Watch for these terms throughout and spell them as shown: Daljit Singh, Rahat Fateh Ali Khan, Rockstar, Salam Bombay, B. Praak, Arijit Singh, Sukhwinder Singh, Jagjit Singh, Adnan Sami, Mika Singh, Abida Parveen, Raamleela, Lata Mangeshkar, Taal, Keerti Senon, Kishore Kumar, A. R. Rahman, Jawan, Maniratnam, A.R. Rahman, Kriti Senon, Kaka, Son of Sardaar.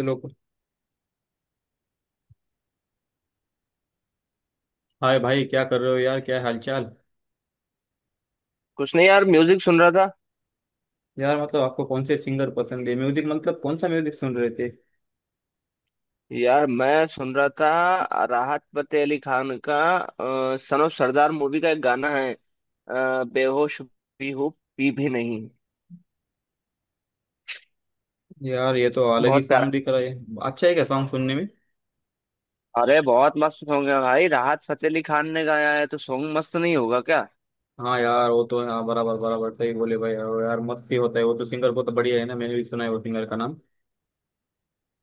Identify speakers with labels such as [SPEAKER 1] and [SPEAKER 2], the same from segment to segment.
[SPEAKER 1] Hello. Hi भाई, क्या कर रहे हो यार? क्या हालचाल।
[SPEAKER 2] कुछ नहीं यार म्यूजिक सुन रहा था।
[SPEAKER 1] यार मतलब आपको कौन से सिंगर पसंद है? म्यूजिक मतलब कौन सा म्यूजिक सुन रहे थे?
[SPEAKER 2] यार मैं सुन रहा था राहत फतेह अली खान का सन ऑफ सरदार मूवी का एक गाना है, बेहोश भी हूँ, पी भी नहीं।
[SPEAKER 1] यार ये तो अलग ही
[SPEAKER 2] बहुत
[SPEAKER 1] सॉन्ग
[SPEAKER 2] प्यारा।
[SPEAKER 1] दिख रहा है। अच्छा है क्या सॉन्ग सुनने में?
[SPEAKER 2] अरे बहुत मस्त सॉन्ग है भाई, राहत फतेह अली खान ने गाया है तो सॉन्ग मस्त नहीं होगा क्या।
[SPEAKER 1] हाँ यार, वो तो हाँ बराबर बराबर सही बोले भाई। यार मस्त ही होता है वो तो। सिंगर को तो बढ़िया है ना, मैंने भी सुना है वो सिंगर का नाम।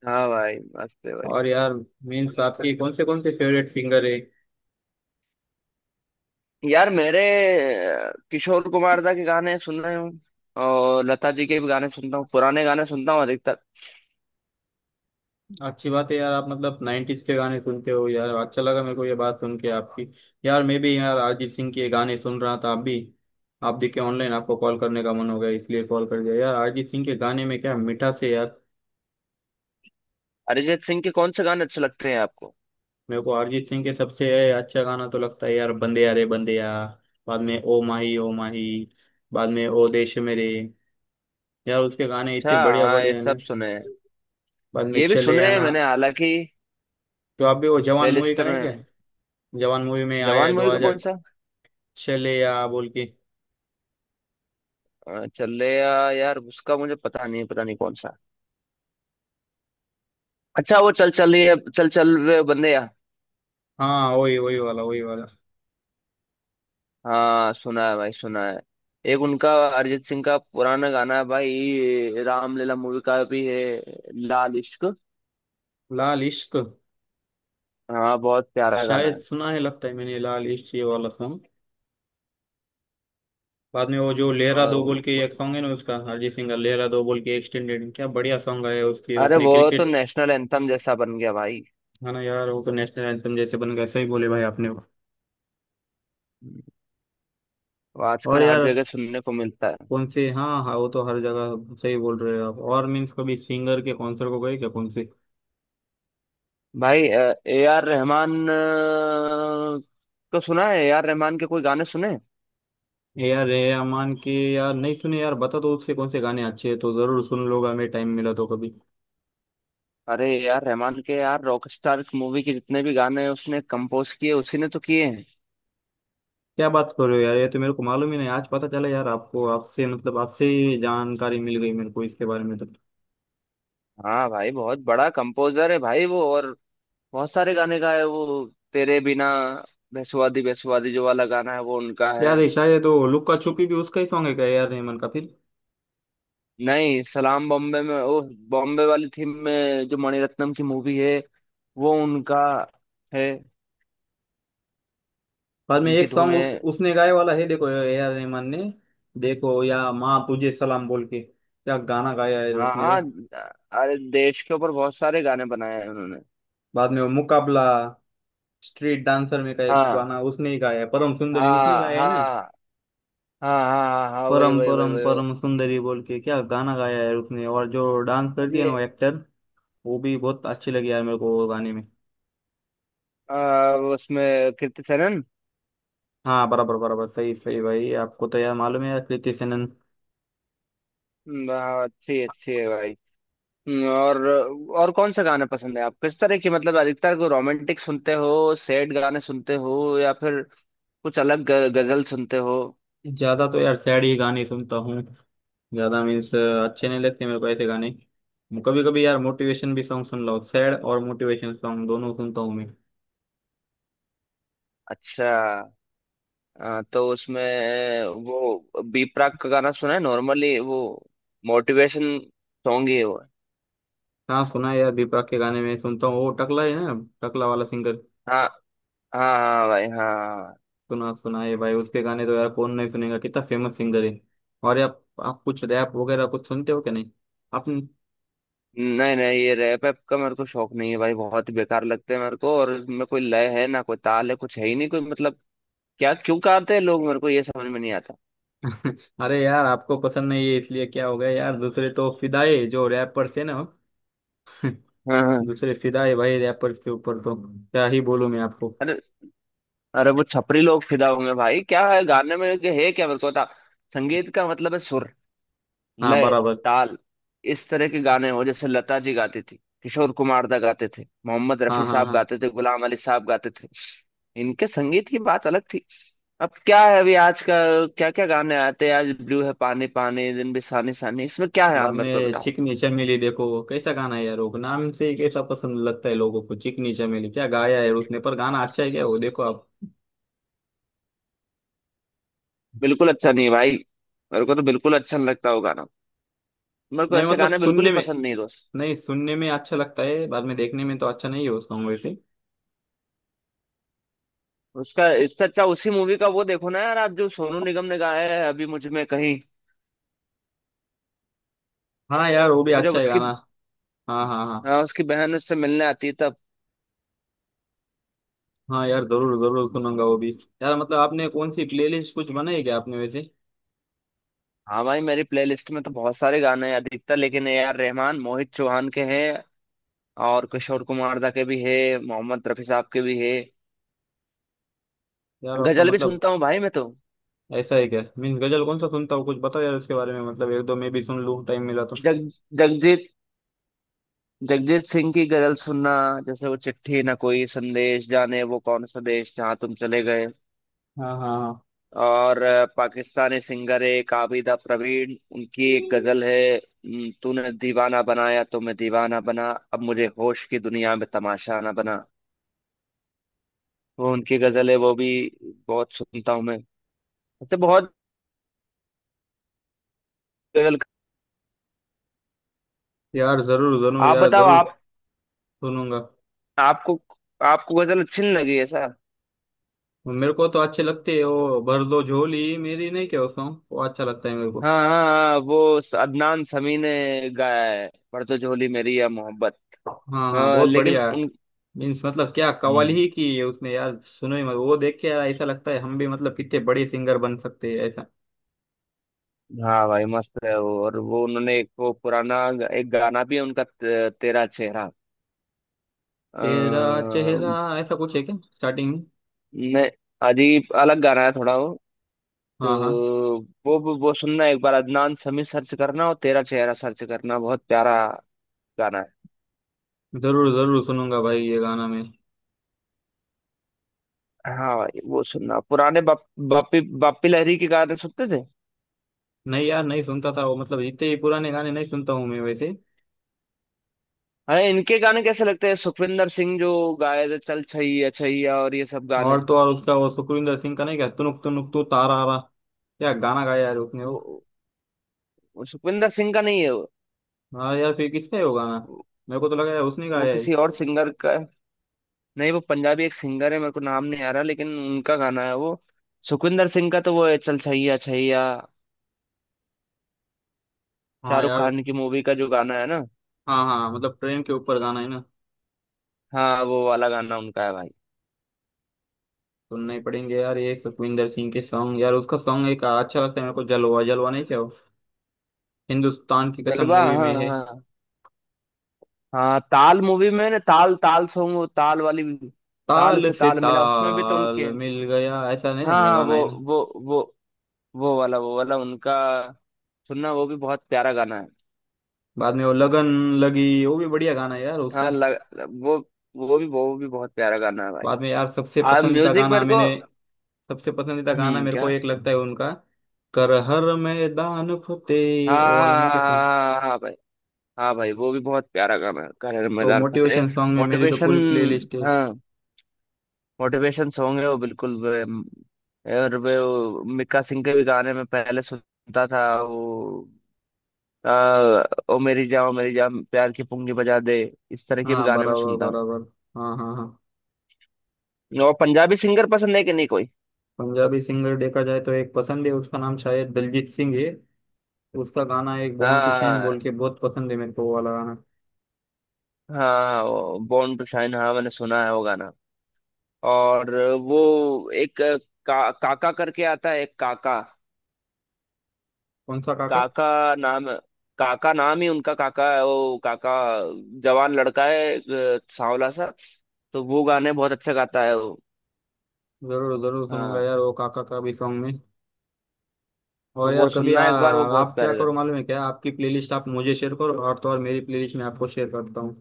[SPEAKER 2] हाँ भाई, मस्त है भाई।
[SPEAKER 1] और यार मीन्स आपकी कौन से फेवरेट सिंगर है?
[SPEAKER 2] यार मेरे किशोर कुमार दा के गाने सुन रहे हूँ, और लता जी के भी गाने सुनता हूँ, पुराने गाने सुनता हूँ अधिकतर।
[SPEAKER 1] अच्छी बात है यार। आप मतलब 90s के गाने सुनते हो यार, अच्छा लगा मेरे को ये बात सुन के आपकी। यार मैं भी यार अरिजीत सिंह के गाने सुन रहा था, आप भी। आप देखे ऑनलाइन, आपको कॉल करने का मन हो गया इसलिए कॉल कर दिया। यार अरिजीत सिंह के गाने में क्या मिठास है यार।
[SPEAKER 2] अरिजीत सिंह के कौन से गाने अच्छे लगते हैं आपको?
[SPEAKER 1] मेरे को अरिजीत सिंह के सबसे अच्छा गाना तो लगता है यार, बंदे यारे बंदे यार। बाद में ओ माही, ओ माही। बाद में ओ देश मेरे। यार उसके गाने इतने
[SPEAKER 2] अच्छा,
[SPEAKER 1] बढ़िया
[SPEAKER 2] हाँ ये
[SPEAKER 1] बढ़िया है
[SPEAKER 2] सब
[SPEAKER 1] ना।
[SPEAKER 2] सुने हैं।
[SPEAKER 1] बाद में
[SPEAKER 2] ये भी
[SPEAKER 1] चले
[SPEAKER 2] सुने हैं
[SPEAKER 1] आना।
[SPEAKER 2] मैंने, हालांकि।
[SPEAKER 1] तो आप भी, वो जवान मूवी
[SPEAKER 2] प्लेलिस्ट
[SPEAKER 1] का नहीं क्या?
[SPEAKER 2] में।
[SPEAKER 1] जवान मूवी में आया
[SPEAKER 2] जवान
[SPEAKER 1] है
[SPEAKER 2] मूवी का कौन
[SPEAKER 1] 2000।
[SPEAKER 2] सा?
[SPEAKER 1] चले या बोल के।
[SPEAKER 2] चलेया, यार उसका मुझे पता नहीं, पता नहीं कौन सा। अच्छा, वो चल चल रही है, चल चल रहे बंदे या।
[SPEAKER 1] हाँ वही वही वाला, वही वाला।
[SPEAKER 2] हाँ, सुना है भाई, सुना है। एक उनका अरिजीत सिंह का पुराना गाना है भाई, रामलीला मूवी का भी है, लाल इश्क।
[SPEAKER 1] लाल इश्क।
[SPEAKER 2] हाँ, बहुत प्यारा गाना
[SPEAKER 1] शायद
[SPEAKER 2] है।
[SPEAKER 1] सुना है लगता है मैंने, लाल इश्क ये वाला सॉन्ग। बाद में वो जो लहरा
[SPEAKER 2] और
[SPEAKER 1] दो बोल के
[SPEAKER 2] उस
[SPEAKER 1] एक सॉन्ग है ना, उसका अरिजीत सिंह का लहरा दो बोल के एक्सटेंडेड क्या बढ़िया सॉन्ग आया है उसके।
[SPEAKER 2] अरे,
[SPEAKER 1] उसने
[SPEAKER 2] वो तो
[SPEAKER 1] क्रिकेट।
[SPEAKER 2] नेशनल एंथम जैसा बन गया भाई।
[SPEAKER 1] है ना यार, वो तो नेशनल एंथम जैसे बन गया, सही बोले भाई आपने।
[SPEAKER 2] वो
[SPEAKER 1] और
[SPEAKER 2] आजकल हर
[SPEAKER 1] यार
[SPEAKER 2] जगह सुनने को मिलता है।
[SPEAKER 1] कौन से। हाँ हाँ, वो तो हर जगह सही बोल रहे हो आप। और मीन्स कभी सिंगर के कॉन्सर्ट को गए क्या? कौन से?
[SPEAKER 2] भाई ए आर रहमान को सुना है, ए आर रहमान के कोई गाने सुने?
[SPEAKER 1] ए आर रहमान के यार नहीं सुने। यार बता दो उसके कौन से गाने अच्छे हैं तो जरूर सुन लूंगा मैं, टाइम मिला तो कभी।
[SPEAKER 2] अरे ए आर रहमान के यार, रॉकस्टार मूवी के जितने भी गाने उसने कंपोज किए, उसी ने तो किए हैं।
[SPEAKER 1] क्या बात कर रहे हो यार! ये तो मेरे को मालूम ही नहीं, आज पता चला यार। आपको आपसे मतलब आपसे ही जानकारी मिल गई मेरे को इसके बारे में तो।
[SPEAKER 2] हाँ भाई, बहुत बड़ा कंपोजर है भाई वो, और बहुत सारे गाने गाए वो। तेरे बिना, बेसुवादी बेसुवादी जो वाला गाना है वो उनका है।
[SPEAKER 1] यार ये शायद वो लुक्का छुपी भी उसका ही सॉन्ग है क्या, ए आर रहमान का फिर?
[SPEAKER 2] नहीं, सलाम बॉम्बे में वो बॉम्बे वाली थीम में, जो मणिरत्नम की मूवी है, वो उनका है,
[SPEAKER 1] बाद में
[SPEAKER 2] उनकी
[SPEAKER 1] एक
[SPEAKER 2] धुन
[SPEAKER 1] सॉन्ग
[SPEAKER 2] है।
[SPEAKER 1] उस उसने गाए वाला है, देखो ए आर रहमान ने। देखो, या माँ तुझे सलाम बोल के क्या गाना गाया है
[SPEAKER 2] हाँ
[SPEAKER 1] उसने वो।
[SPEAKER 2] हाँ। अरे देश के ऊपर बहुत सारे गाने बनाए हैं उन्होंने।
[SPEAKER 1] बाद में वो मुकाबला। स्ट्रीट डांसर में का एक
[SPEAKER 2] हाँ
[SPEAKER 1] गाना उसने ही गाया है, परम सुंदरी उसने ही
[SPEAKER 2] हाँ
[SPEAKER 1] गाया है ना।
[SPEAKER 2] हाँ हाँ हाँ हाँ, हाँ, वही
[SPEAKER 1] परम
[SPEAKER 2] वही वही
[SPEAKER 1] परम
[SPEAKER 2] वही वही।
[SPEAKER 1] परम सुंदरी बोल के क्या गाना गाया है उसने, और जो डांस
[SPEAKER 2] अब
[SPEAKER 1] करती है ना
[SPEAKER 2] ये
[SPEAKER 1] वो एक्टर। वो भी बहुत अच्छी लगी यार मेरे को, वो गाने में।
[SPEAKER 2] उसमें कीर्ति सेनन।
[SPEAKER 1] हाँ बराबर बराबर, सही सही भाई। आपको तो यार मालूम है यार, कृति सेनन।
[SPEAKER 2] हाँ, अच्छी अच्छी है भाई। हम्म, और और कौन सा गाना पसंद है, आप किस तरह की, मतलब अधिकतर को, रोमांटिक सुनते हो, सैड गाने सुनते हो, या फिर कुछ अलग गजल सुनते हो?
[SPEAKER 1] ज्यादा तो यार सैड ही गाने सुनता हूँ। ज्यादा मीन्स अच्छे नहीं लगते मेरे को ऐसे गाने। कभी कभी यार मोटिवेशन भी सॉन्ग सुन लो। सैड और मोटिवेशन सॉन्ग दोनों सुनता हूँ मैं।
[SPEAKER 2] अच्छा, तो उसमें वो बी प्राक का गाना सुना है, नॉर्मली वो मोटिवेशन सॉन्ग ही है वो।
[SPEAKER 1] हाँ सुना है यार, दीपक के गाने में सुनता हूँ। वो टकला है ना। टकला वाला सिंगर।
[SPEAKER 2] हाँ हाँ हाँ भाई, हाँ।
[SPEAKER 1] सुना सुना है भाई उसके गाने। तो यार कौन नहीं सुनेगा, कितना फेमस सिंगर है। और यार आप कुछ रैप वगैरह कुछ सुनते हो क्या? नहीं आपने?
[SPEAKER 2] नहीं नहीं, ये रैप ऐप का मेरे को शौक नहीं है भाई, बहुत बेकार लगते हैं मेरे को, और इसमें कोई लय है ना, कोई ताल है, कुछ है ही नहीं, कोई मतलब क्या, क्यों गाते हैं लोग, मेरे को ये समझ में नहीं आता।
[SPEAKER 1] अरे यार आपको पसंद नहीं है इसलिए क्या हो गया यार, दूसरे तो फिदाई जो रैपर्स है ना।
[SPEAKER 2] हाँ हाँ।
[SPEAKER 1] दूसरे फिदाई भाई रैपर्स के ऊपर तो। क्या ही बोलूं मैं आपको।
[SPEAKER 2] अरे, अरे वो छपरी लोग फिदा होंगे भाई, क्या है गाने में, के है क्या मेरे को बता। संगीत का मतलब है सुर,
[SPEAKER 1] हाँ
[SPEAKER 2] लय,
[SPEAKER 1] बराबर।
[SPEAKER 2] ताल। इस तरह के गाने हो जैसे लता जी गाती थी, किशोर कुमार दा गाते थे, मोहम्मद
[SPEAKER 1] हाँ
[SPEAKER 2] रफी
[SPEAKER 1] हाँ
[SPEAKER 2] साहब
[SPEAKER 1] हाँ।
[SPEAKER 2] गाते थे, गुलाम अली साहब गाते थे। इनके संगीत की बात अलग थी। अब क्या है, अभी आज का क्या क्या गाने आते हैं, आज ब्लू है पानी पानी, दिन भी सानी सानी, इसमें क्या है, आप
[SPEAKER 1] बाद
[SPEAKER 2] मेरे को
[SPEAKER 1] में
[SPEAKER 2] बताओ।
[SPEAKER 1] चिकनी चमेली देखो कैसा गाना है यार, वो नाम से ही कैसा पसंद लगता है लोगों को। चिकनी चमेली क्या गाया है उसने, पर गाना अच्छा है क्या वो? देखो आप।
[SPEAKER 2] बिल्कुल अच्छा नहीं है भाई। मेरे को तो बिल्कुल अच्छा नहीं लगता वो गाना। मेरे को
[SPEAKER 1] नहीं
[SPEAKER 2] ऐसे
[SPEAKER 1] मतलब
[SPEAKER 2] गाने बिल्कुल
[SPEAKER 1] सुनने
[SPEAKER 2] ही
[SPEAKER 1] में।
[SPEAKER 2] पसंद नहीं दोस्त।
[SPEAKER 1] नहीं, सुनने में अच्छा लगता है, बाद में देखने में तो अच्छा नहीं है वो सॉन्ग वैसे।
[SPEAKER 2] उसका इससे अच्छा उसी मूवी का वो देखो ना यार, आप जो सोनू निगम ने गाया है, अभी मुझ में कहीं।
[SPEAKER 1] हाँ यार वो भी
[SPEAKER 2] वो जब
[SPEAKER 1] अच्छा है
[SPEAKER 2] उसकी,
[SPEAKER 1] गाना। हाँ हाँ हाँ।
[SPEAKER 2] हाँ उसकी बहन उससे मिलने आती है तब।
[SPEAKER 1] हाँ यार जरूर जरूर सुनूंगा वो भी। यार मतलब आपने कौन सी प्लेलिस्ट कुछ बनाई क्या आपने वैसे?
[SPEAKER 2] हाँ भाई, मेरी प्लेलिस्ट में तो बहुत सारे गाने हैं, अधिकतर लेकिन ए आर रहमान, मोहित चौहान के हैं, और किशोर कुमार दा के भी है, मोहम्मद रफी साहब के भी है।
[SPEAKER 1] यार आप तो
[SPEAKER 2] गजल भी
[SPEAKER 1] मतलब।
[SPEAKER 2] सुनता हूँ भाई मैं तो।
[SPEAKER 1] ऐसा है क्या? मीन्स गजल कौन सा सुनता हो कुछ बताओ यार उसके बारे में, मतलब एक दो मैं भी सुन लूँ टाइम मिला तो।
[SPEAKER 2] जग जगजीत जगजीत सिंह की गजल सुनना, जैसे वो चिट्ठी ना कोई संदेश, जाने वो कौन सा देश जहाँ तुम चले गए।
[SPEAKER 1] हाँ हाँ हाँ।
[SPEAKER 2] और पाकिस्तानी सिंगर एक आबिदा प्रवीण, उनकी एक गजल है, तूने दीवाना बनाया तो मैं दीवाना बना, अब मुझे होश की दुनिया में तमाशा ना बना, वो उनकी गजल है, वो भी बहुत सुनता हूँ मैं। ऐसे बहुत गजल।
[SPEAKER 1] यार जरूर जरूर
[SPEAKER 2] आप
[SPEAKER 1] यार
[SPEAKER 2] बताओ,
[SPEAKER 1] जरूर
[SPEAKER 2] आप,
[SPEAKER 1] सुनूंगा।
[SPEAKER 2] आपको आपको गजल अच्छी नहीं लगी ऐसा?
[SPEAKER 1] मेरे को तो अच्छे लगते हैं, वो भर दो झोली मेरी नहीं क्या उसको? वो अच्छा लगता है मेरे को।
[SPEAKER 2] हाँ हाँ हाँ, वो अदनान समी ने गाया है, पर तो झोली मेरी या मोहब्बत।
[SPEAKER 1] हाँ हाँ,
[SPEAKER 2] हाँ,
[SPEAKER 1] बहुत
[SPEAKER 2] लेकिन
[SPEAKER 1] बढ़िया है।
[SPEAKER 2] उन।
[SPEAKER 1] मीन्स मतलब क्या कवाली
[SPEAKER 2] हम्म,
[SPEAKER 1] ही की है उसने! यार सुनो ही मत वो, देख के यार ऐसा लगता है हम भी मतलब कितने बड़े सिंगर बन सकते हैं ऐसा।
[SPEAKER 2] हाँ भाई, मस्त है वो, और वो उन्होंने एक वो पुराना एक गाना भी है उनका, तेरा चेहरा। आ,
[SPEAKER 1] तेरा चेहरा। ऐसा कुछ है क्या स्टार्टिंग में?
[SPEAKER 2] मैं अजीब अलग गाना है थोड़ा वो, तो
[SPEAKER 1] हाँ हाँ।
[SPEAKER 2] वो सुनना एक बार, अदनान समी सर्च करना और तेरा चेहरा सर्च करना, बहुत प्यारा गाना है।
[SPEAKER 1] जरूर जरूर सुनूंगा भाई ये गाना मैं।
[SPEAKER 2] हाँ भाई वो सुनना, पुराने बापी लहरी के गाने सुनते थे।
[SPEAKER 1] नहीं यार नहीं सुनता था वो, मतलब इतने ही पुराने गाने नहीं सुनता हूँ मैं वैसे।
[SPEAKER 2] अरे इनके गाने कैसे लगते हैं, सुखविंदर सिंह जो गाए थे चल छैया छैया और ये सब
[SPEAKER 1] और
[SPEAKER 2] गाने।
[SPEAKER 1] तो और उसका वो सुखविंदर सिंह का नहीं क्या, तुनुक तुनुक तू तारा रा? क्या गाना गाया यार उसने वो।
[SPEAKER 2] वो, वो सुखविंदर सिंह का नहीं है, वो,
[SPEAKER 1] हाँ यार, फिर किसका है वो गाना? मेरे को तो लगा यार उसने
[SPEAKER 2] वो
[SPEAKER 1] गाया है।
[SPEAKER 2] किसी और सिंगर का है। नहीं, वो पंजाबी एक सिंगर है, मेरे को नाम नहीं आ रहा, लेकिन उनका गाना है वो। सुखविंदर सिंह का तो वो है चल छैया छैया,
[SPEAKER 1] हाँ
[SPEAKER 2] शाहरुख
[SPEAKER 1] यार।
[SPEAKER 2] खान की मूवी का जो गाना है ना।
[SPEAKER 1] हाँ हाँ, मतलब ट्रेन के ऊपर गाना है ना?
[SPEAKER 2] हाँ, वो वाला गाना उनका है भाई।
[SPEAKER 1] सुनना ही पड़ेंगे यार ये सुखविंदर सिंह के सॉन्ग। यार उसका सॉन्ग एक अच्छा लगता है मेरे को, जलवा जलवा नहीं क्या वो? हिंदुस्तान की कसम
[SPEAKER 2] जलवा,
[SPEAKER 1] मूवी में
[SPEAKER 2] हाँ
[SPEAKER 1] है।
[SPEAKER 2] हाँ हाँ, ताल मूवी में ना, ताल ताल सॉन्ग, वो ताल वाली। ताल
[SPEAKER 1] ताल
[SPEAKER 2] से
[SPEAKER 1] से
[SPEAKER 2] ताल मिला, उसमें भी तो उनके
[SPEAKER 1] ताल
[SPEAKER 2] हैं।
[SPEAKER 1] मिल गया, ऐसा नहीं
[SPEAKER 2] हाँ हाँ,
[SPEAKER 1] लगाना है ना?
[SPEAKER 2] वो वो वो वाला उनका सुनना, वो भी बहुत प्यारा गाना है।
[SPEAKER 1] बाद में वो लगन। लगी वो भी बढ़िया गाना है यार उसका।
[SPEAKER 2] हाँ वो वो भी बहुत प्यारा गाना है भाई।
[SPEAKER 1] बाद में यार सबसे
[SPEAKER 2] आ
[SPEAKER 1] पसंदीदा
[SPEAKER 2] म्यूजिक
[SPEAKER 1] गाना
[SPEAKER 2] मेरे को।
[SPEAKER 1] मैंने। सबसे पसंदीदा गाना मेरे को
[SPEAKER 2] क्या?
[SPEAKER 1] एक लगता है उनका। कर हर मैदान
[SPEAKER 2] हाँ
[SPEAKER 1] फतेह वो वाला नहीं, कैसा?
[SPEAKER 2] हाँ हाँ हाँ हाँ हाँ, हाँ, हाँ, भाई। हाँ भाई, वो भी बहुत प्यारा गाना है, कर
[SPEAKER 1] वो
[SPEAKER 2] मैदान फतेह।
[SPEAKER 1] मोटिवेशन सॉन्ग में मेरी तो
[SPEAKER 2] मोटिवेशन,
[SPEAKER 1] पूरी प्लेलिस्ट है।
[SPEAKER 2] हाँ मोटिवेशन सॉन्ग है वो बिल्कुल और वे वो मिक्का सिंह के भी गाने में पहले सुनता था वो। आ, ओ मेरी जान ओ मेरी जान, प्यार की पुंगी बजा दे, इस तरह के भी
[SPEAKER 1] हाँ
[SPEAKER 2] गाने में
[SPEAKER 1] बराबर
[SPEAKER 2] सुनता हूँ।
[SPEAKER 1] बराबर। हाँ हाँ हाँ।
[SPEAKER 2] और पंजाबी सिंगर पसंद है कि नहीं कोई?
[SPEAKER 1] पंजाबी सिंगर देखा जाए तो एक पसंद है, उसका नाम शायद दलजीत सिंह है। उसका गाना एक बॉर्न टू शाइन बोल
[SPEAKER 2] हाँ
[SPEAKER 1] के बहुत पसंद है मेरे को वो वाला गाना।
[SPEAKER 2] हाँ, बॉर्न टू शाइन, हाँ मैंने सुना है वो गाना। और वो एक काका करके आता है एक काका,
[SPEAKER 1] कौन सा काका?
[SPEAKER 2] काका नाम, काका नाम ही उनका, काका है वो काका, जवान लड़का है, सांवला सा, तो वो गाने बहुत अच्छा गाता है वो।
[SPEAKER 1] जरूर जरूर सुनूंगा
[SPEAKER 2] हाँ,
[SPEAKER 1] यार वो काका का भी सॉन्ग में।
[SPEAKER 2] तो
[SPEAKER 1] और
[SPEAKER 2] वो
[SPEAKER 1] यार कभी
[SPEAKER 2] सुनना एक बार, वो बहुत
[SPEAKER 1] आप क्या
[SPEAKER 2] प्यारे
[SPEAKER 1] करो
[SPEAKER 2] गाने।
[SPEAKER 1] मालूम है क्या? आपकी प्लेलिस्ट आप मुझे शेयर करो, और तो और मेरी प्लेलिस्ट मैं आपको शेयर करता हूँ।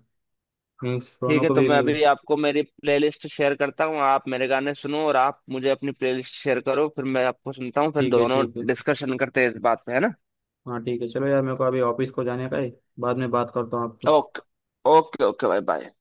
[SPEAKER 1] मीन्स
[SPEAKER 2] ठीक
[SPEAKER 1] दोनों
[SPEAKER 2] है,
[SPEAKER 1] को
[SPEAKER 2] तो
[SPEAKER 1] भी
[SPEAKER 2] मैं
[SPEAKER 1] मिले।
[SPEAKER 2] अभी आपको मेरी प्लेलिस्ट शेयर करता हूँ, आप मेरे गाने सुनो, और आप मुझे अपनी प्लेलिस्ट शेयर करो, फिर मैं आपको सुनता हूँ, फिर
[SPEAKER 1] ठीक है
[SPEAKER 2] दोनों
[SPEAKER 1] ठीक है।
[SPEAKER 2] डिस्कशन करते हैं इस बात पे, है ना।
[SPEAKER 1] हाँ ठीक है, चलो यार मेरे को अभी ऑफिस को जाने का है। बाद में बात करता हूँ आपसे।
[SPEAKER 2] ओके, ओके ओके भाई, बाय।